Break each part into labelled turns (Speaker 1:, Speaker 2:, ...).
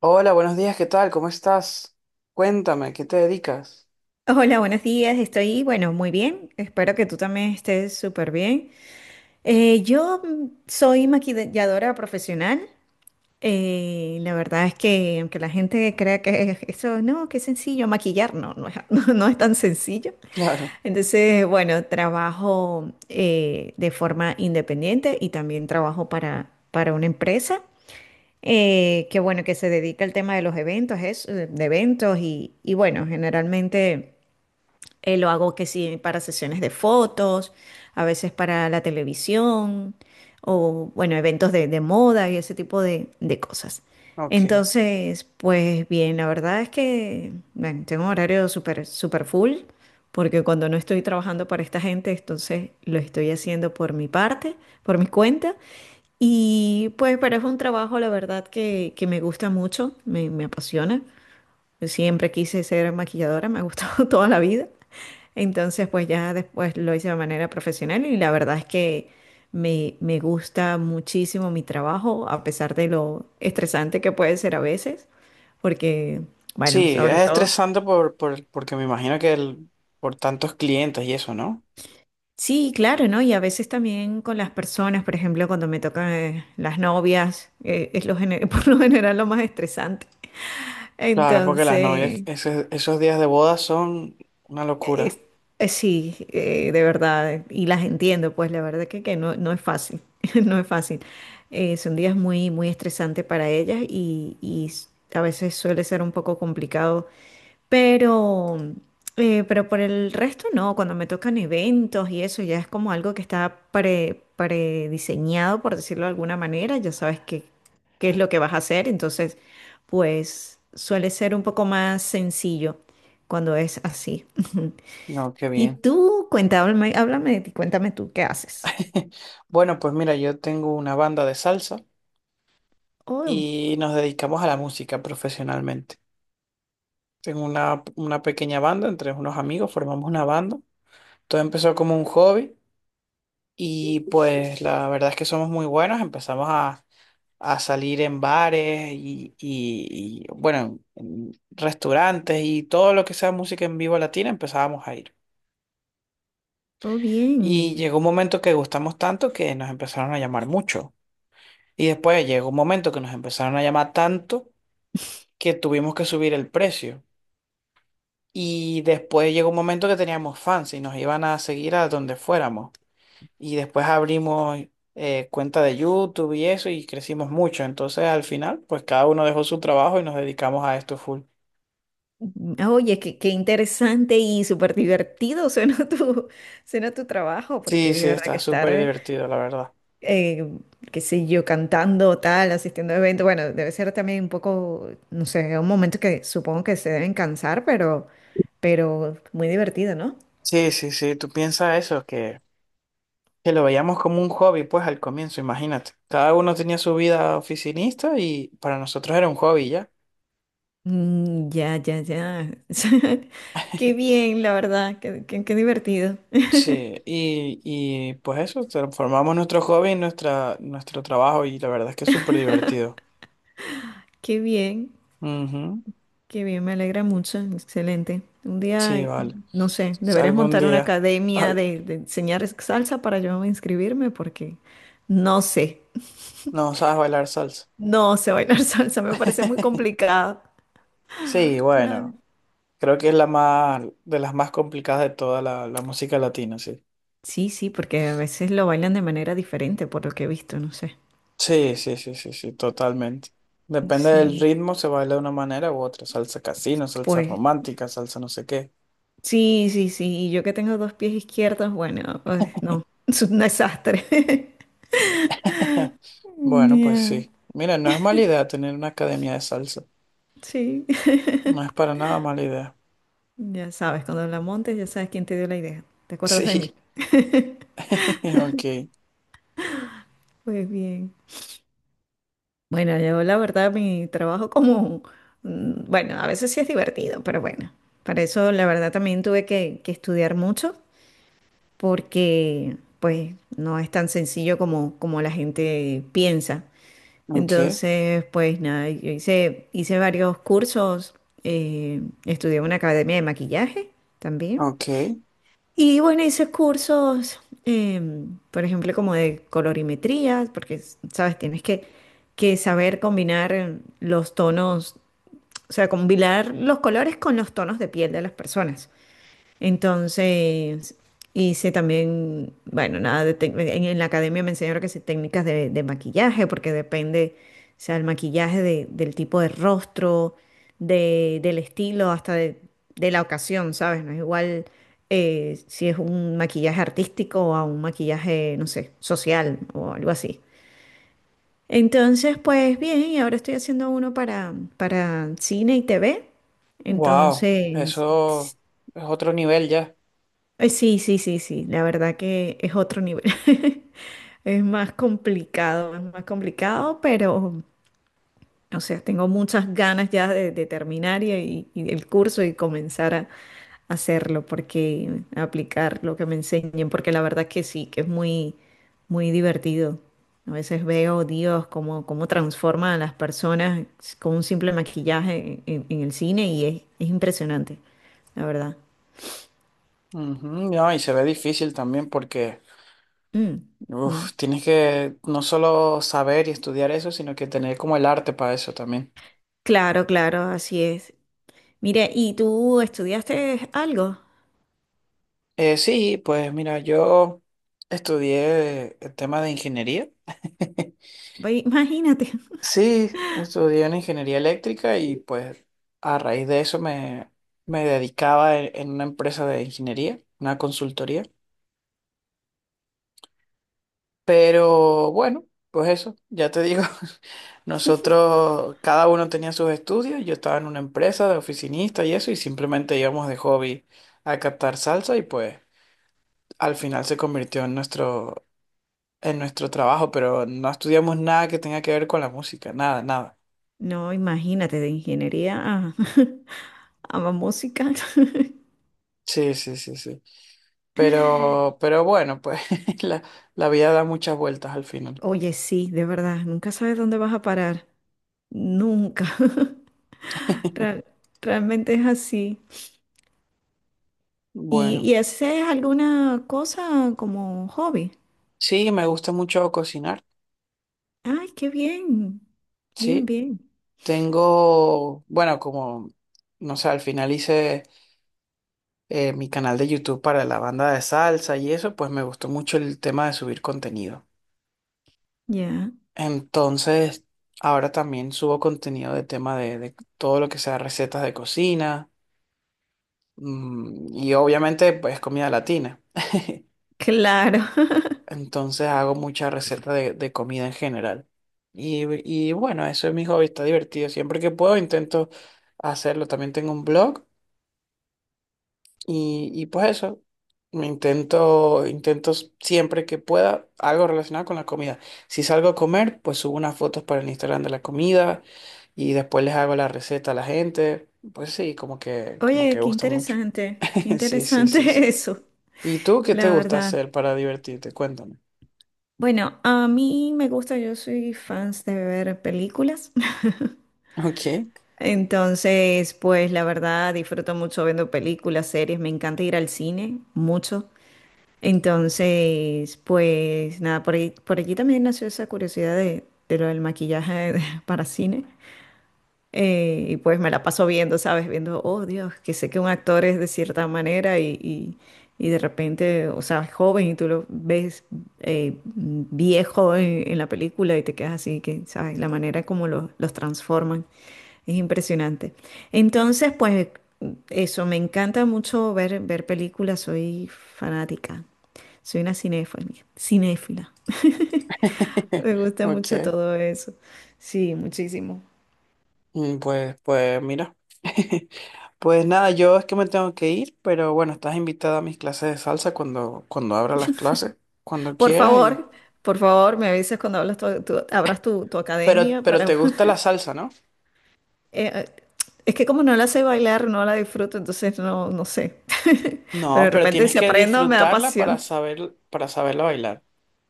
Speaker 1: Hola, buenos días, ¿qué tal? ¿Cómo estás? Cuéntame, ¿qué te dedicas?
Speaker 2: Hola, buenos días. Estoy, bueno, muy bien. Espero que tú también estés súper bien. Yo soy maquilladora profesional. La verdad es que aunque la gente crea que eso, no, qué sencillo, maquillar, no, no es, no, no es tan sencillo.
Speaker 1: Claro,
Speaker 2: Entonces, bueno, trabajo de forma independiente y también trabajo para una empresa que, bueno, que se dedica al tema de los eventos, es, de eventos y bueno, generalmente... lo hago que sí para sesiones de fotos, a veces para la televisión o, bueno, eventos de moda y ese tipo de cosas.
Speaker 1: ok.
Speaker 2: Entonces, pues bien, la verdad es que, bueno, tengo un horario súper, súper full porque cuando no estoy trabajando para esta gente, entonces lo estoy haciendo por mi parte, por mi cuenta. Y pues, pero es un trabajo, la verdad, que me gusta mucho, me apasiona. Yo siempre quise ser maquilladora, me ha gustado toda la vida. Entonces, pues ya después lo hice de manera profesional y la verdad es que me gusta muchísimo mi trabajo, a pesar de lo estresante que puede ser a veces, porque, bueno,
Speaker 1: Sí, es
Speaker 2: sobre todo...
Speaker 1: estresante porque me imagino que el, por tantos clientes y eso, ¿no?
Speaker 2: Sí, claro, ¿no? Y a veces también con las personas, por ejemplo, cuando me tocan las novias, por lo general lo más estresante.
Speaker 1: Claro, porque las
Speaker 2: Entonces,
Speaker 1: novias, esos días de boda son una locura.
Speaker 2: Eh, sí, de verdad, y las entiendo, pues la verdad que no, no es fácil, no es fácil. Son días muy, muy estresantes para ellas y a veces suele ser un poco complicado, pero, pero por el resto no, cuando me tocan eventos y eso ya es como algo que está prediseñado, por decirlo de alguna manera, ya sabes qué, qué es lo que vas a hacer, entonces pues suele ser un poco más sencillo cuando es así.
Speaker 1: No, qué
Speaker 2: Y
Speaker 1: bien.
Speaker 2: tú, cuéntame, háblame de ti, cuéntame tú qué haces.
Speaker 1: Bueno, pues mira, yo tengo una banda de salsa
Speaker 2: Oh,
Speaker 1: y nos dedicamos a la música profesionalmente. Tengo una pequeña banda entre unos amigos, formamos una banda. Todo empezó como un hobby. Y pues la verdad es que somos muy buenos, empezamos a salir en bares y bueno, en restaurantes y todo lo que sea música en vivo latina empezábamos a ir.
Speaker 2: oh,
Speaker 1: Y
Speaker 2: bien.
Speaker 1: llegó un momento que gustamos tanto que nos empezaron a llamar mucho. Y después llegó un momento que nos empezaron a llamar tanto que tuvimos que subir el precio. Y después llegó un momento que teníamos fans y nos iban a seguir a donde fuéramos. Y después abrimos cuenta de YouTube y eso y crecimos mucho. Entonces al final, pues cada uno dejó su trabajo y nos dedicamos a esto full.
Speaker 2: Oye, qué, qué interesante y súper divertido suena tu trabajo, porque
Speaker 1: Sí,
Speaker 2: de
Speaker 1: sí,
Speaker 2: verdad
Speaker 1: está
Speaker 2: que estar,
Speaker 1: súper divertido, la verdad.
Speaker 2: qué sé yo, cantando tal, asistiendo a eventos, bueno, debe ser también un poco, no sé, un momento que supongo que se deben cansar, pero muy divertido, ¿no?
Speaker 1: Sí, sí, sí, tú piensas eso, que lo veíamos como un hobby, pues al comienzo, imagínate. Cada uno tenía su vida oficinista y para nosotros era un hobby ya.
Speaker 2: Mm, ya, ya, ya. Qué bien, la verdad, qué, qué qué divertido.
Speaker 1: Sí, y pues eso, transformamos nuestro hobby en nuestra, nuestro trabajo y la verdad es que es súper divertido.
Speaker 2: Qué bien.
Speaker 1: Ujú,
Speaker 2: Qué bien, me alegra mucho, excelente. Un
Speaker 1: sí,
Speaker 2: día,
Speaker 1: vale.
Speaker 2: no sé, deberías
Speaker 1: Algún
Speaker 2: montar una
Speaker 1: día.
Speaker 2: academia
Speaker 1: Al-
Speaker 2: de enseñar salsa para yo inscribirme porque no sé,
Speaker 1: no sabes bailar salsa.
Speaker 2: no sé bailar salsa, me parece muy complicado.
Speaker 1: Sí,
Speaker 2: Claro.
Speaker 1: bueno, creo que es la más, de las más complicadas de toda la, la música latina, sí.
Speaker 2: Sí, sí, porque a veces lo bailan de manera diferente, por lo que he visto, no sé.
Speaker 1: Sí, sí, sí, sí, sí, totalmente. Depende del
Speaker 2: Sí,
Speaker 1: ritmo, se baila de una manera u otra. Salsa casino, salsa
Speaker 2: pues
Speaker 1: romántica, salsa no sé qué.
Speaker 2: sí, sí, sí, y yo que tengo dos pies izquierdos, bueno, pues, no, es un desastre.
Speaker 1: Bueno, pues
Speaker 2: Ya,
Speaker 1: sí. Mira, no es mala idea tener una academia de salsa.
Speaker 2: sí.
Speaker 1: No es para nada mala idea.
Speaker 2: Ya sabes, cuando la montes ya sabes quién te dio la idea. ¿Te acuerdas de mí?
Speaker 1: Sí. Ok,
Speaker 2: Pues bien. Bueno, yo la verdad mi trabajo bueno, a veces sí es divertido, pero bueno, para eso la verdad también tuve que estudiar mucho porque pues no es tan sencillo como, como la gente piensa.
Speaker 1: ok,
Speaker 2: Entonces, pues nada, yo hice, hice varios cursos, estudié en una academia de maquillaje también.
Speaker 1: ok.
Speaker 2: Y bueno, hice cursos, por ejemplo, como de colorimetría, porque, sabes, tienes que saber combinar los tonos, o sea, combinar los colores con los tonos de piel de las personas. Entonces, hice también, bueno, nada de tec- en la academia me enseñaron que sí, técnicas de maquillaje, porque depende, o sea, el maquillaje del tipo de rostro, del estilo, hasta de la ocasión, ¿sabes? No es igual si es un maquillaje artístico o a un maquillaje, no sé, social o algo así. Entonces, pues bien, y ahora estoy haciendo uno para cine y TV.
Speaker 1: Wow,
Speaker 2: Entonces,
Speaker 1: eso es otro nivel ya.
Speaker 2: sí, sí, sí, sí, la verdad que es otro nivel. Es más complicado, pero, o sea, tengo muchas ganas ya de terminar y el curso y comenzar a hacerlo, porque a aplicar lo que me enseñen, porque la verdad que sí, que es muy, muy divertido. A veces veo, Dios, cómo, cómo transforma a las personas con un simple maquillaje en, en el cine y es impresionante, la verdad.
Speaker 1: Ujú, no, y se ve difícil también porque
Speaker 2: Mm,
Speaker 1: uf,
Speaker 2: mm.
Speaker 1: tienes que no solo saber y estudiar eso, sino que tener como el arte para eso también.
Speaker 2: Claro, claro, así es. Mire, ¿y tú estudiaste algo?
Speaker 1: Sí, pues mira, yo estudié el tema de ingeniería.
Speaker 2: Ve, imagínate.
Speaker 1: Sí, estudié en ingeniería eléctrica y pues a raíz de eso me dedicaba en una empresa de ingeniería, una consultoría. Pero bueno, pues eso, ya te digo, nosotros, cada uno tenía sus estudios, yo estaba en una empresa de oficinista y eso, y simplemente íbamos de hobby a captar salsa y pues al final se convirtió en nuestro trabajo, pero no estudiamos nada que tenga que ver con la música, nada, nada.
Speaker 2: No, imagínate, de ingeniería a, a música.
Speaker 1: Sí, sí, sí, sí. Pero bueno, pues la, la vida da muchas vueltas al final.
Speaker 2: Oye, sí, de verdad, nunca sabes dónde vas a parar. Nunca. Real- realmente es así.
Speaker 1: Bueno,
Speaker 2: Y haces alguna cosa como hobby?
Speaker 1: sí, me gusta mucho cocinar,
Speaker 2: Ay, qué bien. Bien,
Speaker 1: sí.
Speaker 2: bien.
Speaker 1: Tengo, bueno, como, no sé, al final hice mi canal de YouTube para la banda de salsa y eso, pues me gustó mucho el tema de subir contenido.
Speaker 2: Ya.
Speaker 1: Entonces, ahora también subo contenido de tema de todo lo que sea recetas de cocina y obviamente pues comida latina.
Speaker 2: Claro.
Speaker 1: Entonces hago muchas recetas de comida en general. Y bueno, eso es mi hobby, está divertido. Siempre que puedo intento hacerlo. También tengo un blog. Y pues eso, intento siempre que pueda algo relacionado con la comida. Si salgo a comer, pues subo unas fotos para el Instagram de la comida y después les hago la receta a la gente. Pues sí, como
Speaker 2: Oye,
Speaker 1: que
Speaker 2: qué
Speaker 1: gusta mucho.
Speaker 2: interesante. Qué
Speaker 1: Sí, sí, sí,
Speaker 2: interesante
Speaker 1: sí.
Speaker 2: eso,
Speaker 1: ¿Y tú qué te
Speaker 2: la
Speaker 1: gusta
Speaker 2: verdad.
Speaker 1: hacer para divertirte? Cuéntame.
Speaker 2: Bueno, a mí me gusta, yo soy fans de ver películas.
Speaker 1: Ok.
Speaker 2: Entonces, pues la verdad disfruto mucho viendo películas, series, me encanta ir al cine, mucho. Entonces, pues nada, por allí también nació esa curiosidad de lo del maquillaje para cine. Y pues me la paso viendo, ¿sabes? Viendo, oh Dios, que sé que un actor es de cierta manera y de repente, o sea, es joven y tú lo ves viejo en, la película y te quedas así, que, ¿sabes? La manera como los transforman es impresionante. Entonces, pues eso, me encanta mucho ver, ver películas, soy fanática, soy una cinéfila, cinéfila. Me gusta mucho
Speaker 1: Ok.
Speaker 2: todo eso. Sí, muchísimo.
Speaker 1: Pues, pues mira. Pues nada, yo es que me tengo que ir, pero bueno, estás invitada a mis clases de salsa cuando, cuando abra las clases, cuando
Speaker 2: Por
Speaker 1: quieras y...
Speaker 2: favor, por favor, me avisas cuando abras tu, tu
Speaker 1: Pero,
Speaker 2: academia
Speaker 1: pero
Speaker 2: para...
Speaker 1: te gusta la salsa, ¿no?
Speaker 2: Eh, es que como no la sé bailar, no la disfruto, entonces no, no sé. Pero
Speaker 1: No,
Speaker 2: de
Speaker 1: pero
Speaker 2: repente
Speaker 1: tienes
Speaker 2: si
Speaker 1: que
Speaker 2: aprendo, me da
Speaker 1: disfrutarla para
Speaker 2: pasión.
Speaker 1: saber, para saberla bailar.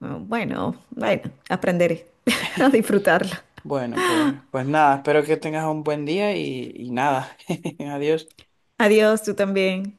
Speaker 2: Bueno, bueno, bueno, aprenderé a disfrutarla.
Speaker 1: Bueno, pues, pues nada, espero que tengas un buen día y nada. Adiós.
Speaker 2: Adiós, tú también.